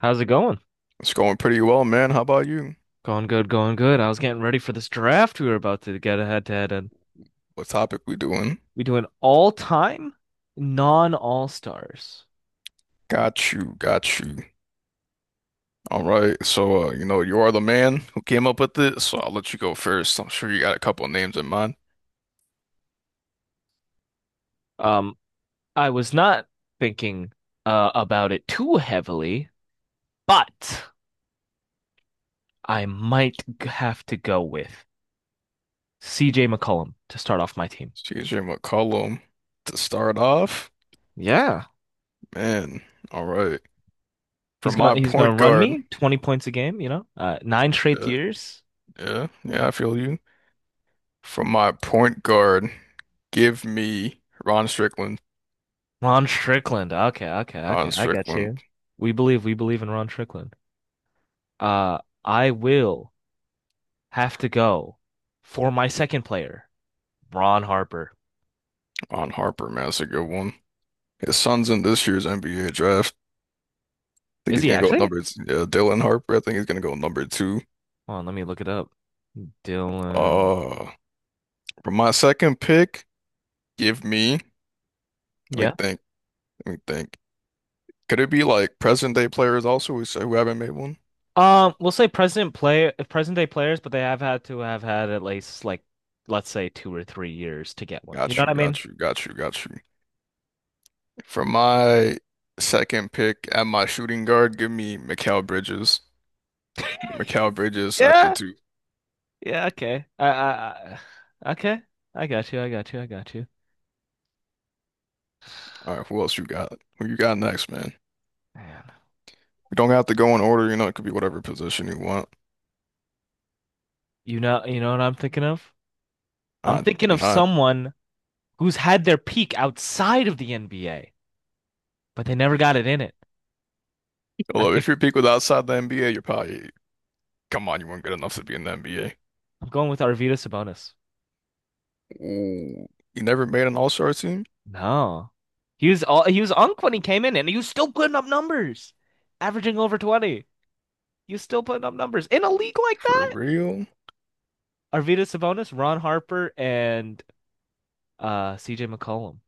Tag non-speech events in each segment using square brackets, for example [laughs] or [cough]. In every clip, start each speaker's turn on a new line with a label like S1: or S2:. S1: How's it going?
S2: It's going pretty well, man. How about you?
S1: Going good, going good. I was getting ready for this draft we were about to get a head to head in.
S2: What topic we doing?
S1: We do an all-time non-all stars.
S2: Got you, got you. All right. So, you are the man who came up with this, so I'll let you go first. I'm sure you got a couple names in mind.
S1: Um, I was not thinking about it too heavily, but I might have to go with CJ McCollum to start off my team.
S2: CJ McCollum to start off,
S1: Yeah.
S2: man. All right. For
S1: He's gonna
S2: my
S1: he's gonna
S2: point
S1: run
S2: guard.
S1: me 20 points a game, you know? Nine straight
S2: Yeah,
S1: years.
S2: yeah, yeah, I feel you. For my point guard, give me Ron Strickland,
S1: Ron Strickland. Okay, okay, okay,
S2: Ron
S1: I got
S2: Strickland.
S1: you. We believe in Ron Strickland. I will have to go for my second player, Ron Harper.
S2: Ron Harper, man. That's a good one. His son's in this year's NBA draft. Think
S1: Is
S2: he's
S1: he
S2: gonna go
S1: actually?
S2: Dylan Harper. I think he's gonna go number two.
S1: Hold on, let me look it up. Dylan.
S2: Uh, for my second pick, give me. Let me
S1: Yeah.
S2: think. Let me think. Could it be like present day players also who haven't made one?
S1: We'll say present day players, but they have had to have had at least like, let's say 2 or 3 years to get one. You
S2: Got
S1: know what
S2: you.
S1: I mean?
S2: Got you. Got you. Got you. For my second pick at my shooting guard, give me Mikal Bridges. Mikal Bridges at the
S1: Yeah.
S2: two.
S1: Yeah. Okay. Okay. I got you, I got you, I got you.
S2: All right. Who else you got? Who you got next, man?
S1: Man.
S2: We don't have to go in order. It could be whatever position you want.
S1: You know what I'm thinking of? I'm
S2: I
S1: thinking
S2: do
S1: of
S2: not.
S1: someone who's had their peak outside of the NBA, but they never got it in it. I
S2: Although
S1: think
S2: if your pick was outside the NBA, you're probably. Come on, you weren't good enough to be in the NBA.
S1: I'm going with Arvydas Sabonis.
S2: Ooh, you never made an All-Star team?
S1: No. He was unk when he came in and he was still putting up numbers, averaging over 20. He was still putting up numbers in a league like
S2: For
S1: that.
S2: real?
S1: Arvydas Sabonis, Ron Harper, and CJ McCollum.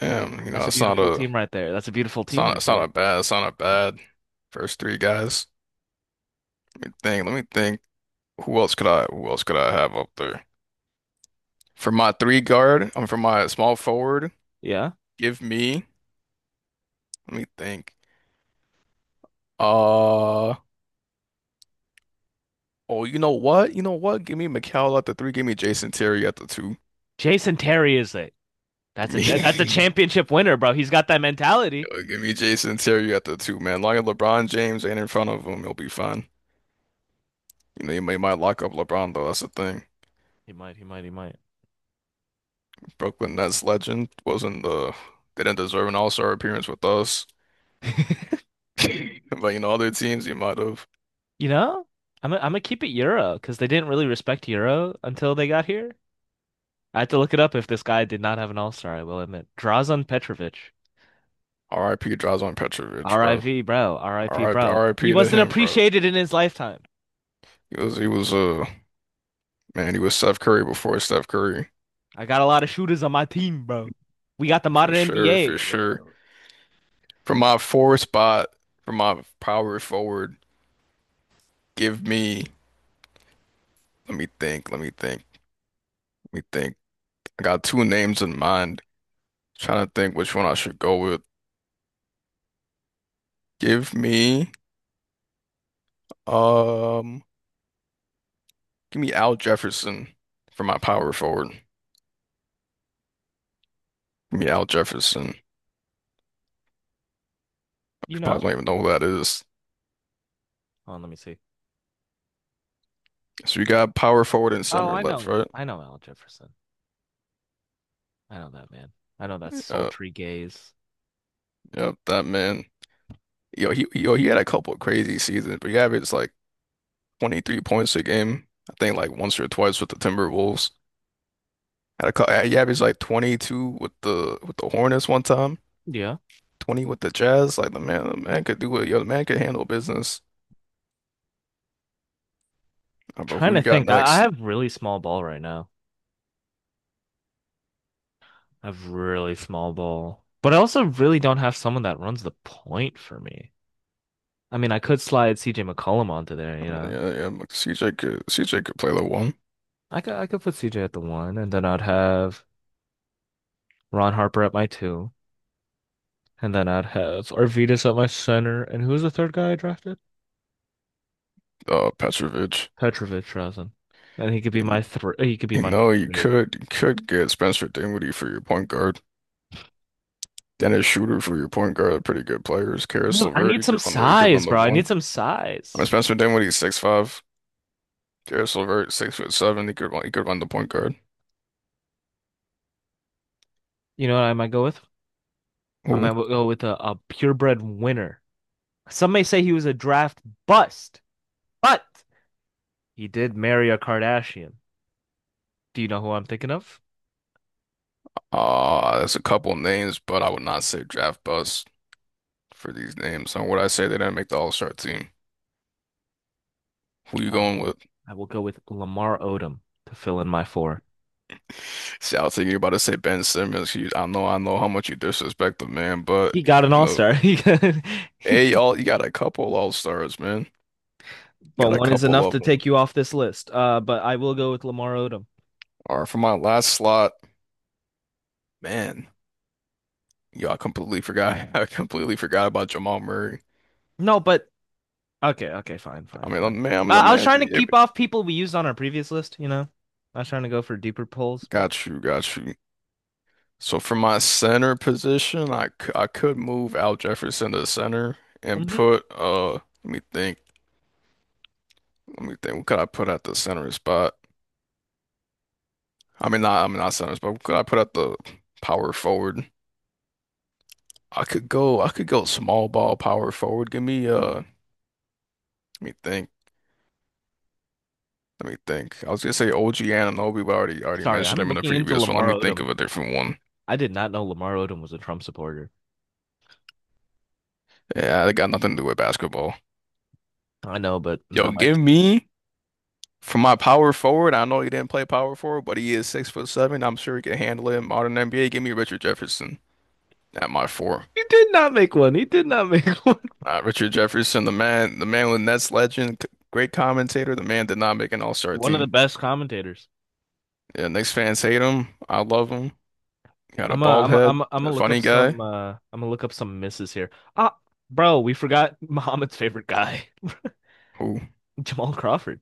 S2: Damn,
S1: That's a beautiful team right there. That's a beautiful team right
S2: it's not
S1: there.
S2: a bad it's not a bad first three guys. Let me think, let me think. Who else could I have up there? For my small forward,
S1: Yeah.
S2: give me, let me think. Uh oh, you know what? You know what? Give me McCall at the three, give me Jason Terry at the two.
S1: Jason Terry is it.
S2: Give
S1: That's a
S2: me [laughs]
S1: championship winner, bro. He's got that mentality.
S2: Yo, give me Jason Terry at the two, man. Long as LeBron James ain't in front of him, he'll be fine. They might lock up LeBron though. That's the thing.
S1: He might, he might, he might.
S2: Brooklyn Nets legend wasn't the they didn't deserve an All-Star appearance with us.
S1: [laughs]
S2: [laughs] But other teams you might have.
S1: You know, I'm gonna keep it Euro because they didn't really respect Euro until they got here. I had to look it up. If this guy did not have an all-star, I will admit. Drazen Petrovic.
S2: R.I.P. Drazen Petrovic, bro.
S1: RIV, bro. RIP, bro. He
S2: R.I.P. to
S1: wasn't
S2: him, bro.
S1: appreciated in his lifetime.
S2: He was Man, he was Steph Curry before Steph Curry.
S1: I got a lot of shooters on my team, bro. We got the
S2: For
S1: modern
S2: sure, for
S1: NBA with,
S2: sure. For my four spot, for my power forward, give me. Let me think, let me think, let me think. I got two names in mind. Trying to think which one I should go with. Give me. Um, Give me Al Jefferson for my power forward. Give me Al Jefferson.
S1: you
S2: You
S1: know?
S2: probably don't even know who that is.
S1: Hold on, let me see.
S2: So you got power forward and
S1: Oh,
S2: center
S1: I
S2: and left,
S1: know.
S2: right?
S1: I know Al Jefferson. I know that man. I know that
S2: Yeah,
S1: sultry gaze.
S2: yep, that man. Yo, he had a couple of crazy seasons, but he averaged like 23 points a game. I think like once or twice with the Timberwolves. Had a couple, he averaged like 22 with the Hornets one time,
S1: Yeah.
S2: 20 with the Jazz. Like the man could do it. Yo, the man could handle business. How about
S1: Trying
S2: who
S1: to
S2: you got
S1: think. I
S2: next?
S1: have really small ball right now. I have really small ball, but I also really don't have someone that runs the point for me. I mean, I could slide CJ McCollum onto there, you know.
S2: Yeah, yeah, CJ could play the one.
S1: I could put CJ at the one, and then I'd have Ron Harper at my two, and then I'd have Arvidas at my center, and who's the third guy I drafted?
S2: Petrovic.
S1: Petrovic Rasen, and he could be
S2: You,
S1: my three. He could be
S2: you
S1: my
S2: know, you
S1: three.
S2: could you could get Spencer Dinwiddie for your point guard. Dennis Schroeder for your point guard are pretty good players.
S1: I need
S2: Karis
S1: I
S2: LeVert,
S1: need some
S2: you could run
S1: size,
S2: the
S1: bro. I
S2: one.
S1: need some
S2: I mean,
S1: size.
S2: Spencer Dinwiddie 6'5". Karis LeVert 6'7". He could run the point guard.
S1: You know what I might go with? I
S2: Ooh.
S1: might go with a purebred winner. Some may say he was a draft bust, but he did marry a Kardashian. Do you know who I'm thinking of?
S2: That's a couple names, but I would not say draft bust for these names. And would I say they didn't make the All-Star team? Who you
S1: Uh,
S2: going with?
S1: I will go with Lamar Odom to fill in my four.
S2: See, I was thinking you're about to say Ben Simmons. I know how much you disrespect the man, but
S1: He got an
S2: no.
S1: all-star. [laughs]
S2: Hey, y'all, you got a couple all-stars, man.
S1: But
S2: Got a
S1: one is
S2: couple
S1: enough
S2: of
S1: to
S2: them.
S1: take you off this list. But I will go with Lamar Odom.
S2: All right, for my last slot, man, yo, I completely forgot. [laughs] I completely forgot about Jamal Murray.
S1: No, but okay, okay, fine,
S2: I
S1: fine,
S2: mean, I
S1: fine.
S2: man, I'm the
S1: I was
S2: man's.
S1: trying to keep off people we used on our previous list, you know. I was trying to go for deeper polls, but
S2: Got you, got you. So for my center position, I could move Al Jefferson to center and
S1: mhm.
S2: put let me think, let me think. What could I put at the center spot? I mean, not, I mean, not center spot. What could I put at the power forward? I could go small ball power forward. Give me. Let me think. Let me think. I was gonna say OG Anunoby, but I already
S1: Sorry,
S2: mentioned
S1: I'm
S2: him in the
S1: looking into
S2: previous one. Let
S1: Lamar
S2: me think
S1: Odom.
S2: of a different one.
S1: I did not know Lamar Odom was a Trump supporter.
S2: Yeah, they got nothing to do with basketball.
S1: I know, but
S2: Yo,
S1: not my. [laughs]
S2: give me for my power forward. I know he didn't play power forward, but he is 6'7". I'm sure he can handle it in modern NBA. Give me Richard Jefferson at my four.
S1: He did not make one. He did not make [laughs] one.
S2: Richard Jefferson, the man with Nets legend, great commentator. The man did not make an All-Star
S1: One of the
S2: team.
S1: best commentators.
S2: Yeah, Knicks fans hate him. I love him. He had a bald head.
S1: I'm
S2: He's a
S1: gonna look up
S2: funny guy.
S1: some I'm gonna look up some misses here. Ah, bro, we forgot [laughs] Muhammad's favorite guy,
S2: Who?
S1: [laughs] Jamal Crawford.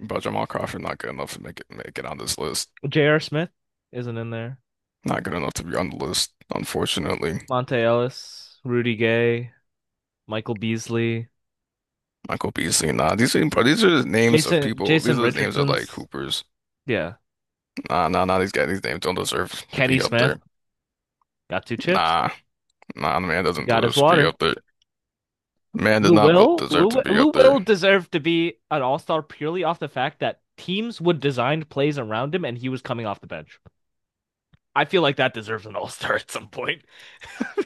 S2: But Jamal Crawford not good enough to make it on this list.
S1: J.R. Smith isn't in there.
S2: Not good enough to be on the list, unfortunately.
S1: Monte Ellis, Rudy Gay, Michael Beasley,
S2: Michael Beasley, nah. These are the names of people. These
S1: Jason
S2: are the names of like
S1: Richardson's,
S2: Hoopers.
S1: yeah.
S2: Nah, nah, nah. These guys, these names don't deserve to
S1: Kenny
S2: be up
S1: Smith
S2: there.
S1: got two chips.
S2: Nah, nah. The man
S1: He
S2: doesn't
S1: got
S2: deserve
S1: his
S2: to be
S1: water.
S2: up there. Man does
S1: Lou
S2: not
S1: Will,
S2: deserve to be
S1: Lou
S2: up there.
S1: Will deserved to be an all-star purely off the fact that teams would design plays around him and he was coming off the bench. I feel like that deserves an all-star at some point. [laughs]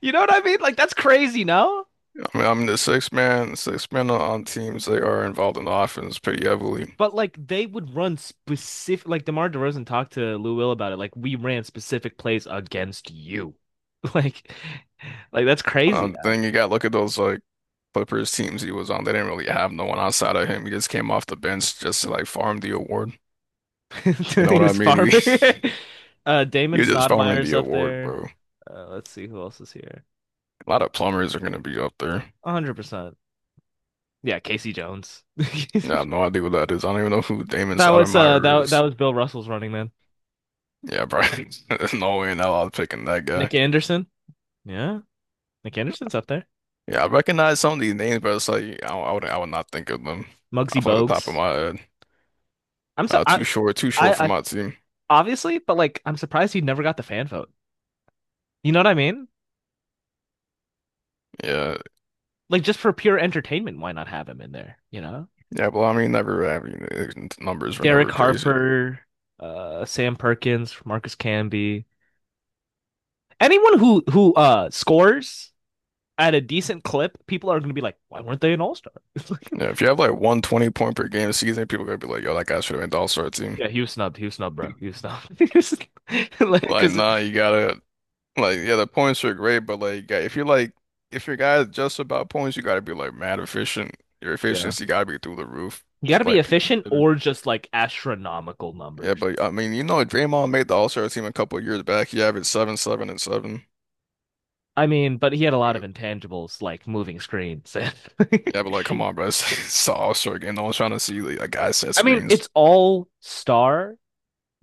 S1: You know what I mean? Like that's crazy, no?
S2: I mean, I'm the six man. Six man on teams they are involved in the offense pretty heavily.
S1: But like they would run specific like DeMar DeRozan talked to Lou Will about it. Like we ran specific plays against you. [laughs] Like like that's crazy that.
S2: Then you got look at those like Clippers teams he was on. They didn't really have no one outside of him. He just came off the bench just to like farm the award.
S1: [laughs]
S2: You know
S1: He
S2: what I
S1: was
S2: mean?
S1: farming.
S2: [laughs]
S1: [laughs] Damon
S2: You're just farming
S1: Stoudemire's
S2: the
S1: up
S2: award,
S1: there.
S2: bro.
S1: Let's see who else is here.
S2: A lot of plumbers are gonna be up there.
S1: 100%. Yeah, Casey Jones.
S2: Yeah, I
S1: [laughs]
S2: have no idea what that is. I don't even know who Damon
S1: that was uh
S2: Stoudemire
S1: that that
S2: is.
S1: was Bill Russell's running man.
S2: Yeah, probably. [laughs] There's no way in hell I was picking that guy.
S1: Nick Anderson. Yeah. Nick Anderson's up there.
S2: Yeah, I recognize some of these names, but it's like I would not think of them
S1: Muggsy
S2: off like the top of
S1: Bogues.
S2: my head.
S1: I'm so
S2: Too short, too short for
S1: I
S2: my team.
S1: obviously, but like I'm surprised he never got the fan vote. You know what I mean?
S2: Yeah,
S1: Like just for pure entertainment, why not have him in there? You know,
S2: yeah. Well, I mean, never. I mean, numbers were
S1: Derek
S2: never crazy.
S1: Harper, Sam Perkins, Marcus Camby, anyone who scores at a decent clip, people are gonna be like, why weren't they an all star? [laughs]
S2: Yeah, if you have like 120-point per game season, people are gonna be like, "Yo, that guy should have been the All-Star team."
S1: Yeah, he was snubbed. He was snubbed, bro. He was snubbed. [laughs] Like,
S2: Like,
S1: because
S2: nah, you gotta. Like, yeah, the points are great, but like, yeah, if you're like, if your guy is just about points, you got to be like mad efficient. Your
S1: yeah,
S2: efficiency got to be through the roof
S1: you got
S2: to
S1: to be
S2: like be
S1: efficient
S2: considered.
S1: or just like astronomical
S2: Yeah,
S1: numbers.
S2: but I mean, Draymond made the All-Star team a couple of years back. He averaged seven, seven, and seven.
S1: I mean, but he had a lot of intangibles like moving screens. [laughs]
S2: Yeah, but like, come on, bro, [laughs] it's the All-Star game. No one's trying to see like a guy set
S1: I mean,
S2: screens.
S1: it's all star.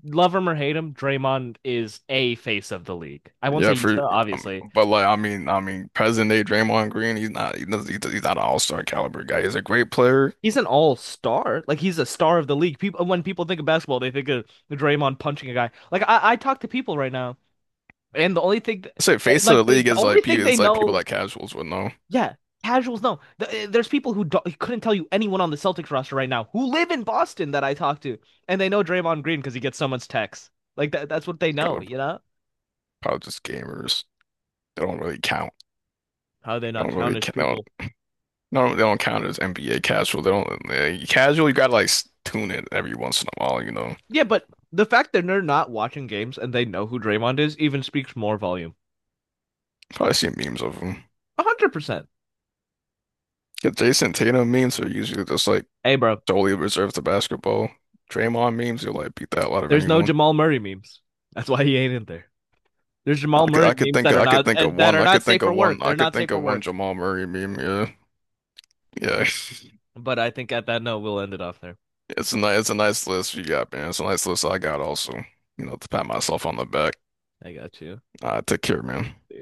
S1: Love him or hate him, Draymond is a face of the league. I won't
S2: Yeah,
S1: say he's the
S2: for um,
S1: obviously.
S2: but like, I mean, present day Draymond Green, he's not an All-Star caliber guy. He's a great player.
S1: He's an all star. Like he's a star of the league. People when people think of basketball, they think of Draymond punching a guy. Like I talk to people right now, and
S2: I say face of the league
S1: the
S2: is
S1: only thing they
S2: it's like people
S1: know.
S2: that casuals would know.
S1: Yeah, casuals no. There's people who couldn't tell you anyone on the Celtics roster right now who live in Boston that I talk to, and they know Draymond Green because he gets so much text. Like that, that's what they
S2: It's kind
S1: know,
S2: of
S1: you know?
S2: probably just gamers. They don't really count.
S1: How they
S2: They
S1: not
S2: don't really
S1: countish
S2: count. They don't,
S1: people.
S2: they don't, they don't count as NBA casual. They don't casual. You gotta like tune it every once in a while.
S1: Yeah, but the fact that they're not watching games and they know who Draymond is even speaks more volume.
S2: Probably see memes of them.
S1: 100%.
S2: The Jason Tatum memes are usually just like
S1: Hey, bro,
S2: solely reserved to basketball. Draymond memes, you'll like beat that out of
S1: there's no
S2: anyone.
S1: Jamal Murray memes. That's why he ain't in there. There's Jamal Murray memes
S2: I could think of
S1: that
S2: one.
S1: are
S2: I
S1: not
S2: could
S1: safe
S2: think
S1: for
S2: of
S1: work.
S2: one. I
S1: They're
S2: could
S1: not safe
S2: think
S1: for
S2: of one
S1: work.
S2: Jamal Murray meme. Yeah, yeah. [laughs]
S1: But I think at that note, we'll end it off there.
S2: It's a nice list you got, man. It's a nice list I got also. To pat myself on the back.
S1: I got you. See
S2: I take care, man.
S1: ya.